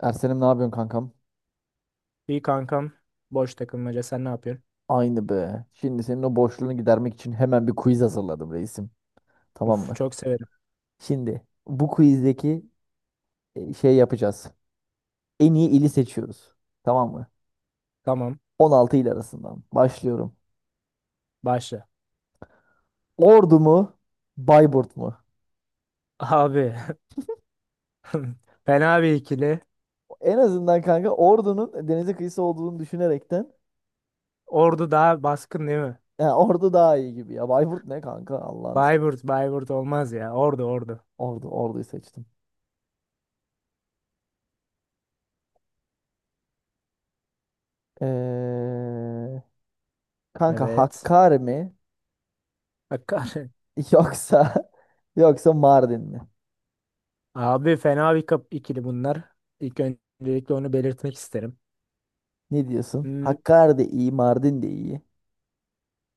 Ersen'im ne yapıyorsun kankam? İyi kankam. Boş takılmaca. Sen ne yapıyorsun? Aynı be. Şimdi senin o boşluğunu gidermek için hemen bir quiz hazırladım reisim. Tamam Uf mı? çok severim. Şimdi bu quizdeki şey yapacağız. En iyi ili seçiyoruz. Tamam mı? Tamam. 16 il arasından. Başlıyorum. Başla. Ordu mu? Bayburt mu? Abi. Fena bir ikili. En azından kanka Ordu'nun denize kıyısı olduğunu düşünerekten Ordu daha baskın değil mi? ya Ordu daha iyi gibi ya. Bayburt ne kanka? Bayburt. Bayburt olmaz ya. Ordu ordu. Ordu'yu seçtim. Ee, kanka Evet. Hakkari mi? Hakkari. Yoksa yoksa Mardin mi? Abi fena bir kap ikili bunlar. İlk öncelikle onu belirtmek isterim. Ne diyorsun? Hmm, Hakkari de iyi, Mardin de iyi.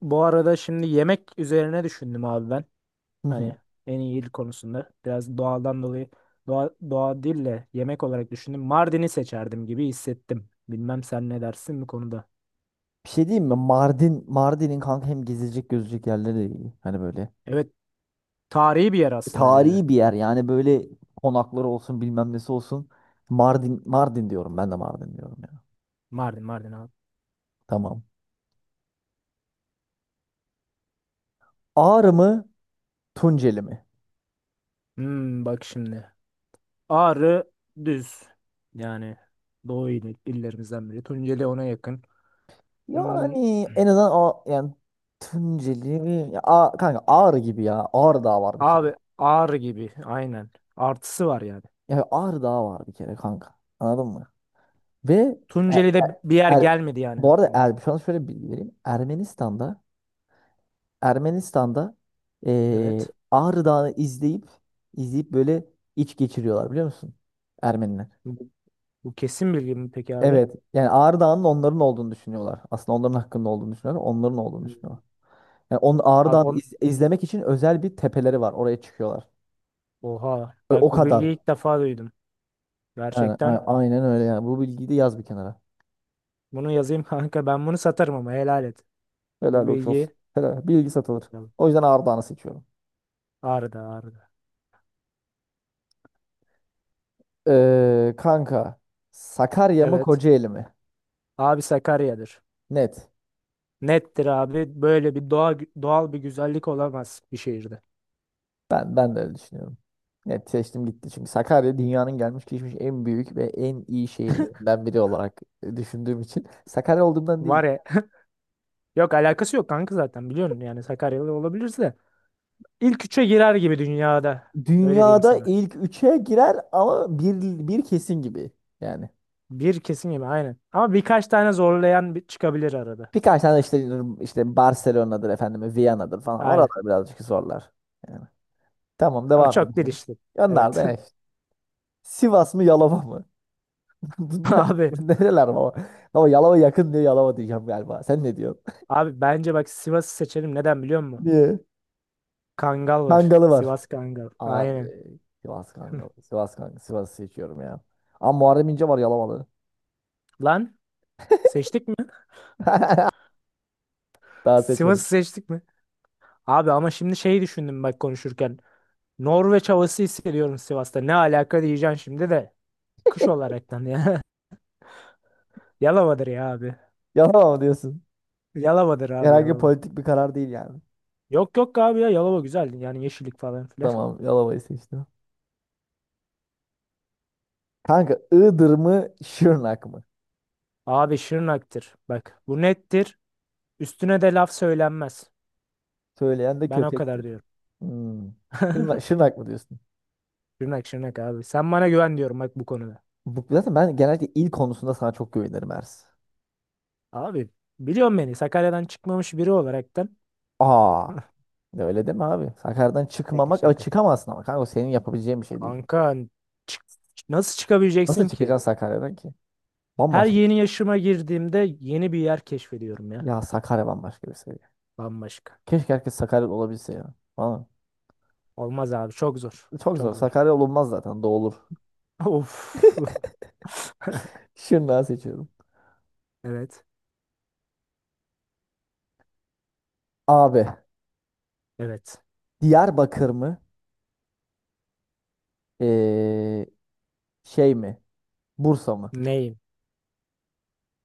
bu arada şimdi yemek üzerine düşündüm abi ben. Hı Hani hı. en iyi il konusunda biraz doğadan dolayı doğa değil de yemek olarak düşündüm. Mardin'i seçerdim gibi hissettim. Bilmem sen ne dersin bu konuda. Bir şey diyeyim mi? Mardin'in kanka hem gezilecek gözülecek yerleri de iyi. Hani böyle. Evet, tarihi bir yer aslında bir de. Tarihi bir yer yani böyle konakları olsun bilmem nesi olsun. Mardin diyorum ben de Mardin diyorum ya. Mardin Mardin abi. Tamam. Ağrı mı? Tunceli mi? Hmm, bak şimdi. Ağrı düz. Yani doğu il, illerimizden biri. Tunceli ona yakın. Hmm, Yani en azından yani Tunceli mi? Ya, kanka Ağrı gibi ya. Ağrı Dağı var bir kere. abi Ağrı gibi aynen. Artısı var yani. Ya Ağrı Dağı var bir kere kanka. Anladın mı? Ve er, Tunceli'de er- bir yer er- gelmedi yani bu arada aklıma. Şu an şöyle bir bilgi vereyim. Ermenistan'da Evet. Ağrı Dağı'nı izleyip izleyip böyle iç geçiriyorlar biliyor musun? Ermeniler. Bu, bu kesin bilgi mi peki abi? Evet. Yani Ağrı Dağı'nın onların olduğunu düşünüyorlar. Aslında onların hakkında olduğunu düşünüyorlar. Onların olduğunu Hmm. düşünüyorlar. Yani onun Ağrı Dağı'nı Abi, izlemek için özel bir tepeleri var. Oraya çıkıyorlar. oha. O Bak bu kadar. bilgiyi ilk defa duydum. Yani Gerçekten. aynen öyle yani. Bu bilgiyi de yaz bir kenara. Bunu yazayım kanka. Ben bunu satarım ama helal et. Bu Helal hoş olsun. bilgiyi. Helal. Bilgi satılır. Bakalım. O yüzden Ağrı Dağı'nı seçiyorum. Ağrıda ağrıda. Kanka Sakarya mı Evet. Kocaeli mi? Abi Sakarya'dır. Net. Nettir abi. Böyle bir doğal bir güzellik olamaz bir şehirde. Ben de öyle düşünüyorum. Net seçtim gitti. Çünkü Sakarya dünyanın gelmiş geçmiş en büyük ve en iyi şehirlerinden biri olarak düşündüğüm için Sakarya olduğumdan değil. Var ya. Yok, alakası yok kanka zaten biliyorsun. Yani Sakaryalı olabilirse. İlk üçe girer gibi dünyada. Öyle diyeyim Dünyada sana. ilk üçe girer ama bir kesin gibi yani. Bir kesin gibi aynen. Ama birkaç tane zorlayan bir çıkabilir arada. Birkaç tane işte Barcelona'dır efendim, Viyana'dır falan. Oralar Aynen. birazcık zorlar. Yani. Tamam Ama devam çok değil edelim. işte. Onlar Evet. da eş. Sivas mı Yalova mı? Abi. bu nereler baba? Baba Yalova yakın diye Yalova diyeceğim galiba. Sen ne diyorsun? Bence bak, Sivas'ı seçelim. Neden biliyor musun? Niye? Kangal var. Kangalı var. Sivas Kangal. Abi Aynen. Sivas Kangalı. Sivas Kangalı. Sivas'ı seçiyorum ya. Ama Muharrem İnce var Yalovalı. Lan, seçtik mi? Daha Sivas'ı seçmedim. seçtik mi? Abi ama şimdi şeyi düşündüm bak konuşurken. Norveç havası hissediyorum Sivas'ta. Ne alaka diyeceksin şimdi de. Kış olaraktan ya. Yalova'dır ya abi. Yalova mı diyorsun? Yalova'dır abi Herhangi bir Yalova. politik bir karar değil yani. Yok yok abi ya, Yalova güzel. Yani yeşillik falan filan. Tamam Yalova'yı seçtim. Kanka Iğdır mı Şırnak mı? Abi Şırnak'tır. Bak bu nettir. Üstüne de laf söylenmez. Söyleyen de Ben o kadar kötektir. diyorum. Hmm. Şırnak, Şırnak mı diyorsun? Şırnak Şırnak abi. Sen bana güven diyorum bak bu konuda. Zaten ben genellikle il konusunda sana çok güvenirim Ers. Abi, biliyorum, beni Sakarya'dan çıkmamış biri olaraktan. Aa. Öyle deme abi. Sakarya'dan Şaka çıkmamak, ama şaka. çıkamazsın ama kanka o senin yapabileceğin bir şey değil. Kanka, çık- nasıl Nasıl çıkabileceksin ki? çıkacaksın Sakarya'dan ki? Her Bambaşka. yeni yaşıma girdiğimde yeni bir yer keşfediyorum ya. Ya Sakarya bambaşka bir seviye. Bambaşka. Keşke herkes Sakaryalı olabilse ya. Valla. Olmaz abi, çok zor. Çok zor. Çok zor. Sakarya olunmaz zaten. Doğulur. Of. Şırnağı seçiyorum. Evet. Abi. Evet. Diyarbakır mı? Ee, şey mi? Bursa mı? Neyim?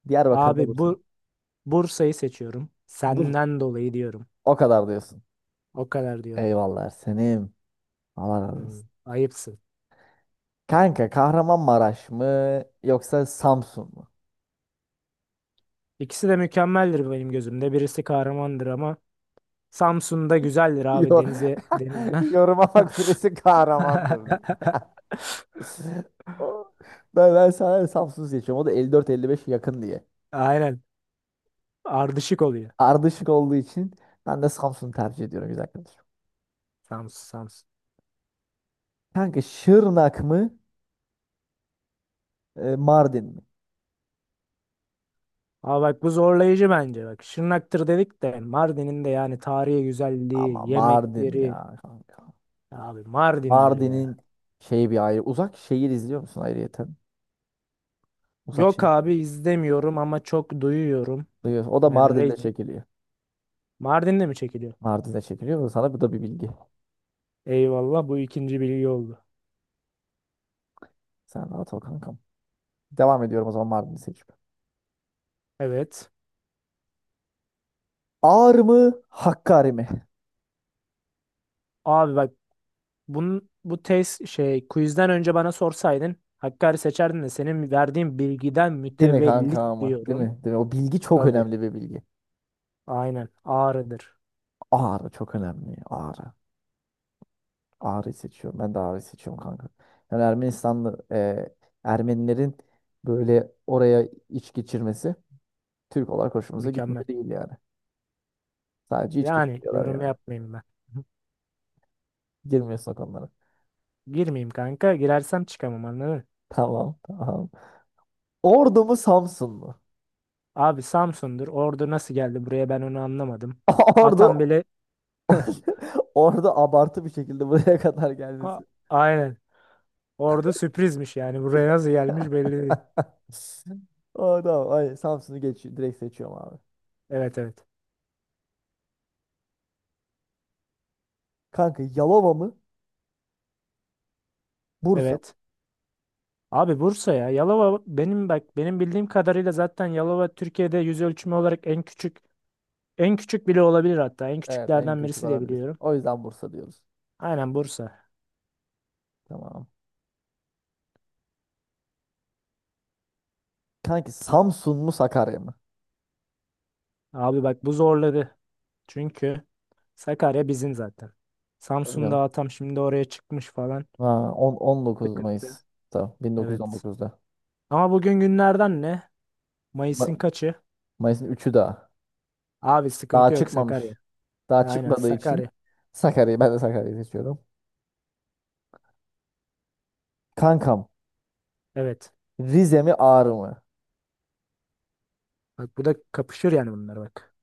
Diyarbakır mı Abi Bursa mı? bu, Bursa'yı seçiyorum. Bur Senden dolayı diyorum. o kadar diyorsun. O kadar diyorum. Eyvallah senim. Allah razı Hmm, olsun. ayıpsın. Kanka Kahramanmaraş mı yoksa Samsun mu? İkisi de mükemmeldir benim gözümde. Birisi kahramandır ama Samsun'da güzeldir abi, Yok. denize deniz. Yoruma bak birisi kahramandır diyor. O- ben sana Samsun seçiyorum. O da 54 55 yakın diye. Aynen. Ardışık oluyor. Ardışık olduğu için ben de Samsun'u tercih ediyorum güzel kardeşim. Samsun Samsun. Kanka Şırnak mı Mardin mi? Ama bak bu zorlayıcı bence. Bak Şırnak'tır dedik de Mardin'in de yani tarihi Ama güzelliği, Mardin yemekleri. ya kanka. Abi Mardin'dir ya. Mardin'in şey bir ayrı. Uzak şehir izliyor musun ayrıyeten? Uzak Yok şehir. abi, izlemiyorum ama çok duyuyorum. Duyuyorsun. O da Yani Mardin'de reyting. çekiliyor. Mardin'de mi çekiliyor? Mardin'de çekiliyor. Sana bu da bir bilgi. Eyvallah, bu ikinci bilgi oldu. Sen rahat ol kankam. Devam ediyorum o zaman Mardin'i seçip. Evet. Ağrı mı Hakkari mi? Abi bak, bunun bu test şey quizden önce bana sorsaydın Hakkari seçerdin de senin verdiğin bilgiden Değil mi kanka mütevellit ama? Değil diyorum. mi? Değil mi? O bilgi çok Tabii. önemli bir bilgi. Aynen. Ağrı'dır. Ağrı çok önemli. Ağrı. Ağrı seçiyorum. Ben de ağrı seçiyorum kanka. Yani Ermenilerin böyle oraya iç geçirmesi Türk olarak hoşumuza Mükemmel. gitmiyor değil yani. Sadece iç Yani geçiriyorlar yorum yani. yapmayayım ben. Girmiyorsun o konulara. Girmeyeyim kanka. Girersem çıkamam, anladın mı? Tamam, tamam. Ordu mu Samsun mu? Abi Samsun'dur. Ordu nasıl geldi buraya, ben onu anlamadım. Atam Ordu bile. Ordu abartı bir şekilde buraya kadar Ha, gelmesi. aynen. Ordu sürprizmiş yani. Buraya nasıl gelmiş belli değil. Oh, tamam. Hayır, Samsun'u geç, direkt seçiyorum abi. Evet evet. Kanka Yalova mı? Bursa. Evet. Abi Bursa ya. Yalova benim bak, benim bildiğim kadarıyla zaten Yalova Türkiye'de yüz ölçümü olarak en küçük, en küçük bile olabilir hatta. En Evet en küçüklerden küçük birisi de olabilir. biliyorum. O yüzden Bursa diyoruz. Aynen Bursa. Tamam. Kanki Samsun mu Sakarya mı? Abi bak bu zorladı. Çünkü Sakarya bizim zaten. Tabii canım. Samsun'da atam şimdi oraya çıkmış falan. Ha, 19 Sıkıntı. Mayıs. Tamam. Evet. 1919'da. Ama bugün günlerden ne? Ma- Mayıs'ın kaçı? Mayıs'ın üçü daha. Abi sıkıntı Daha yok, çıkmamış. Sakarya. Daha Aynen çıkmadığı için Sakarya. Sakarya'yı ben de Sakarya'yı seçiyorum. Kankam Evet. Rize mi Ağrı mı? Bak bu da kapışır yani bunlar bak.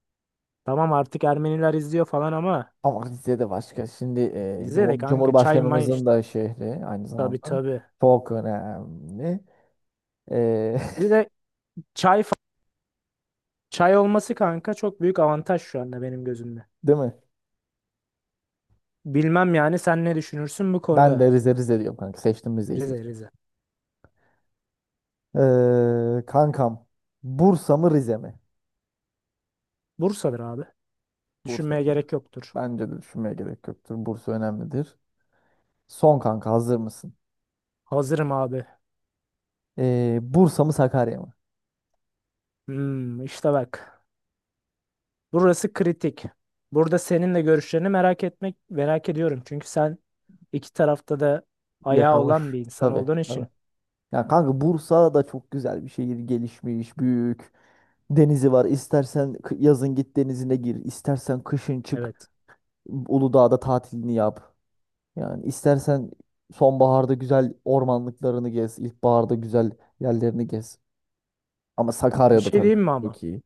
Tamam, artık Ermeniler izliyor falan ama Ama Rize de başka. Şimdi bizde de kanka çay may Cumhurbaşkanımızın işte. da şehri aynı Tabii zamanda. tabii. Çok önemli. E, Bir de çay fa- çay olması kanka çok büyük avantaj şu anda benim gözümde. Değil mi? Bilmem yani, sen ne düşünürsün bu Ben de konuda? Rize Rize diyorum kanka. Seçtim Rize'yi. Rize Rize. Kankam. Bursa mı Rize mi? Bursa'dır abi. Bursa. Düşünmeye gerek yoktur. Bence de düşünmeye gerek yoktur. Bursa önemlidir. Son kanka hazır mısın? Hazırım abi. Bursa mı Sakarya mı? Hmm, işte bak. Burası kritik. Burada senin de görüşlerini merak ediyorum. Çünkü sen iki tarafta da ayağı Yaşamış. olan bir insan Tabii olduğun tabii. için. Ya kanka Bursa da çok güzel bir şehir. Gelişmiş, büyük. Denizi var. İstersen yazın git denizine gir. İstersen kışın çık. Evet. Uludağ'da tatilini yap. Yani istersen sonbaharda güzel ormanlıklarını gez. İlkbaharda güzel yerlerini gez. Ama Bir Sakarya'da şey tabii diyeyim mi ama? çok iyi.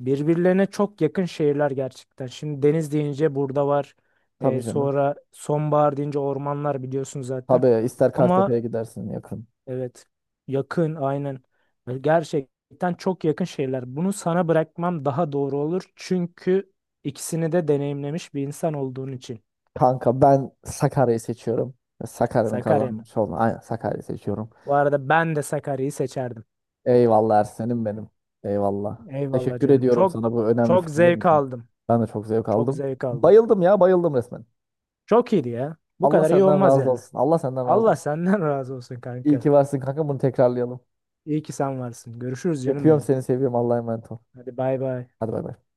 Birbirlerine çok yakın şehirler gerçekten. Şimdi deniz deyince burada var. Tabii canım. Sonra sonbahar deyince ormanlar biliyorsun zaten. Tabii ister Ama. Kartepe'ye gidersin yakın. Evet. Yakın aynen. Ve gerçekten çok yakın şeyler. Bunu sana bırakmam daha doğru olur. Çünkü ikisini de deneyimlemiş bir insan olduğun için. Kanka ben Sakarya'yı seçiyorum. Sakarya'nın Sakarya mı? kazanmış olma. Aynen Sakarya'yı seçiyorum. Bu arada ben de Sakarya'yı seçerdim. Eyvallah Ersen'im benim. Eyvallah. Eyvallah Teşekkür canım. ediyorum Çok, sana bu önemli çok fikirlerin zevk için. aldım. Ben de çok zevk Çok aldım. zevk aldım. Bayıldım ya bayıldım resmen. Çok iyiydi ya. Bu Allah kadar iyi senden olmaz razı yani. olsun. Allah senden razı Allah olsun. senden razı olsun İyi kanka. ki varsın kanka bunu tekrarlayalım. İyi ki sen varsın. Görüşürüz canım Öpüyorum benim. seni seviyorum Allah'a emanet ol. Hadi bay bay. Hadi bay bay.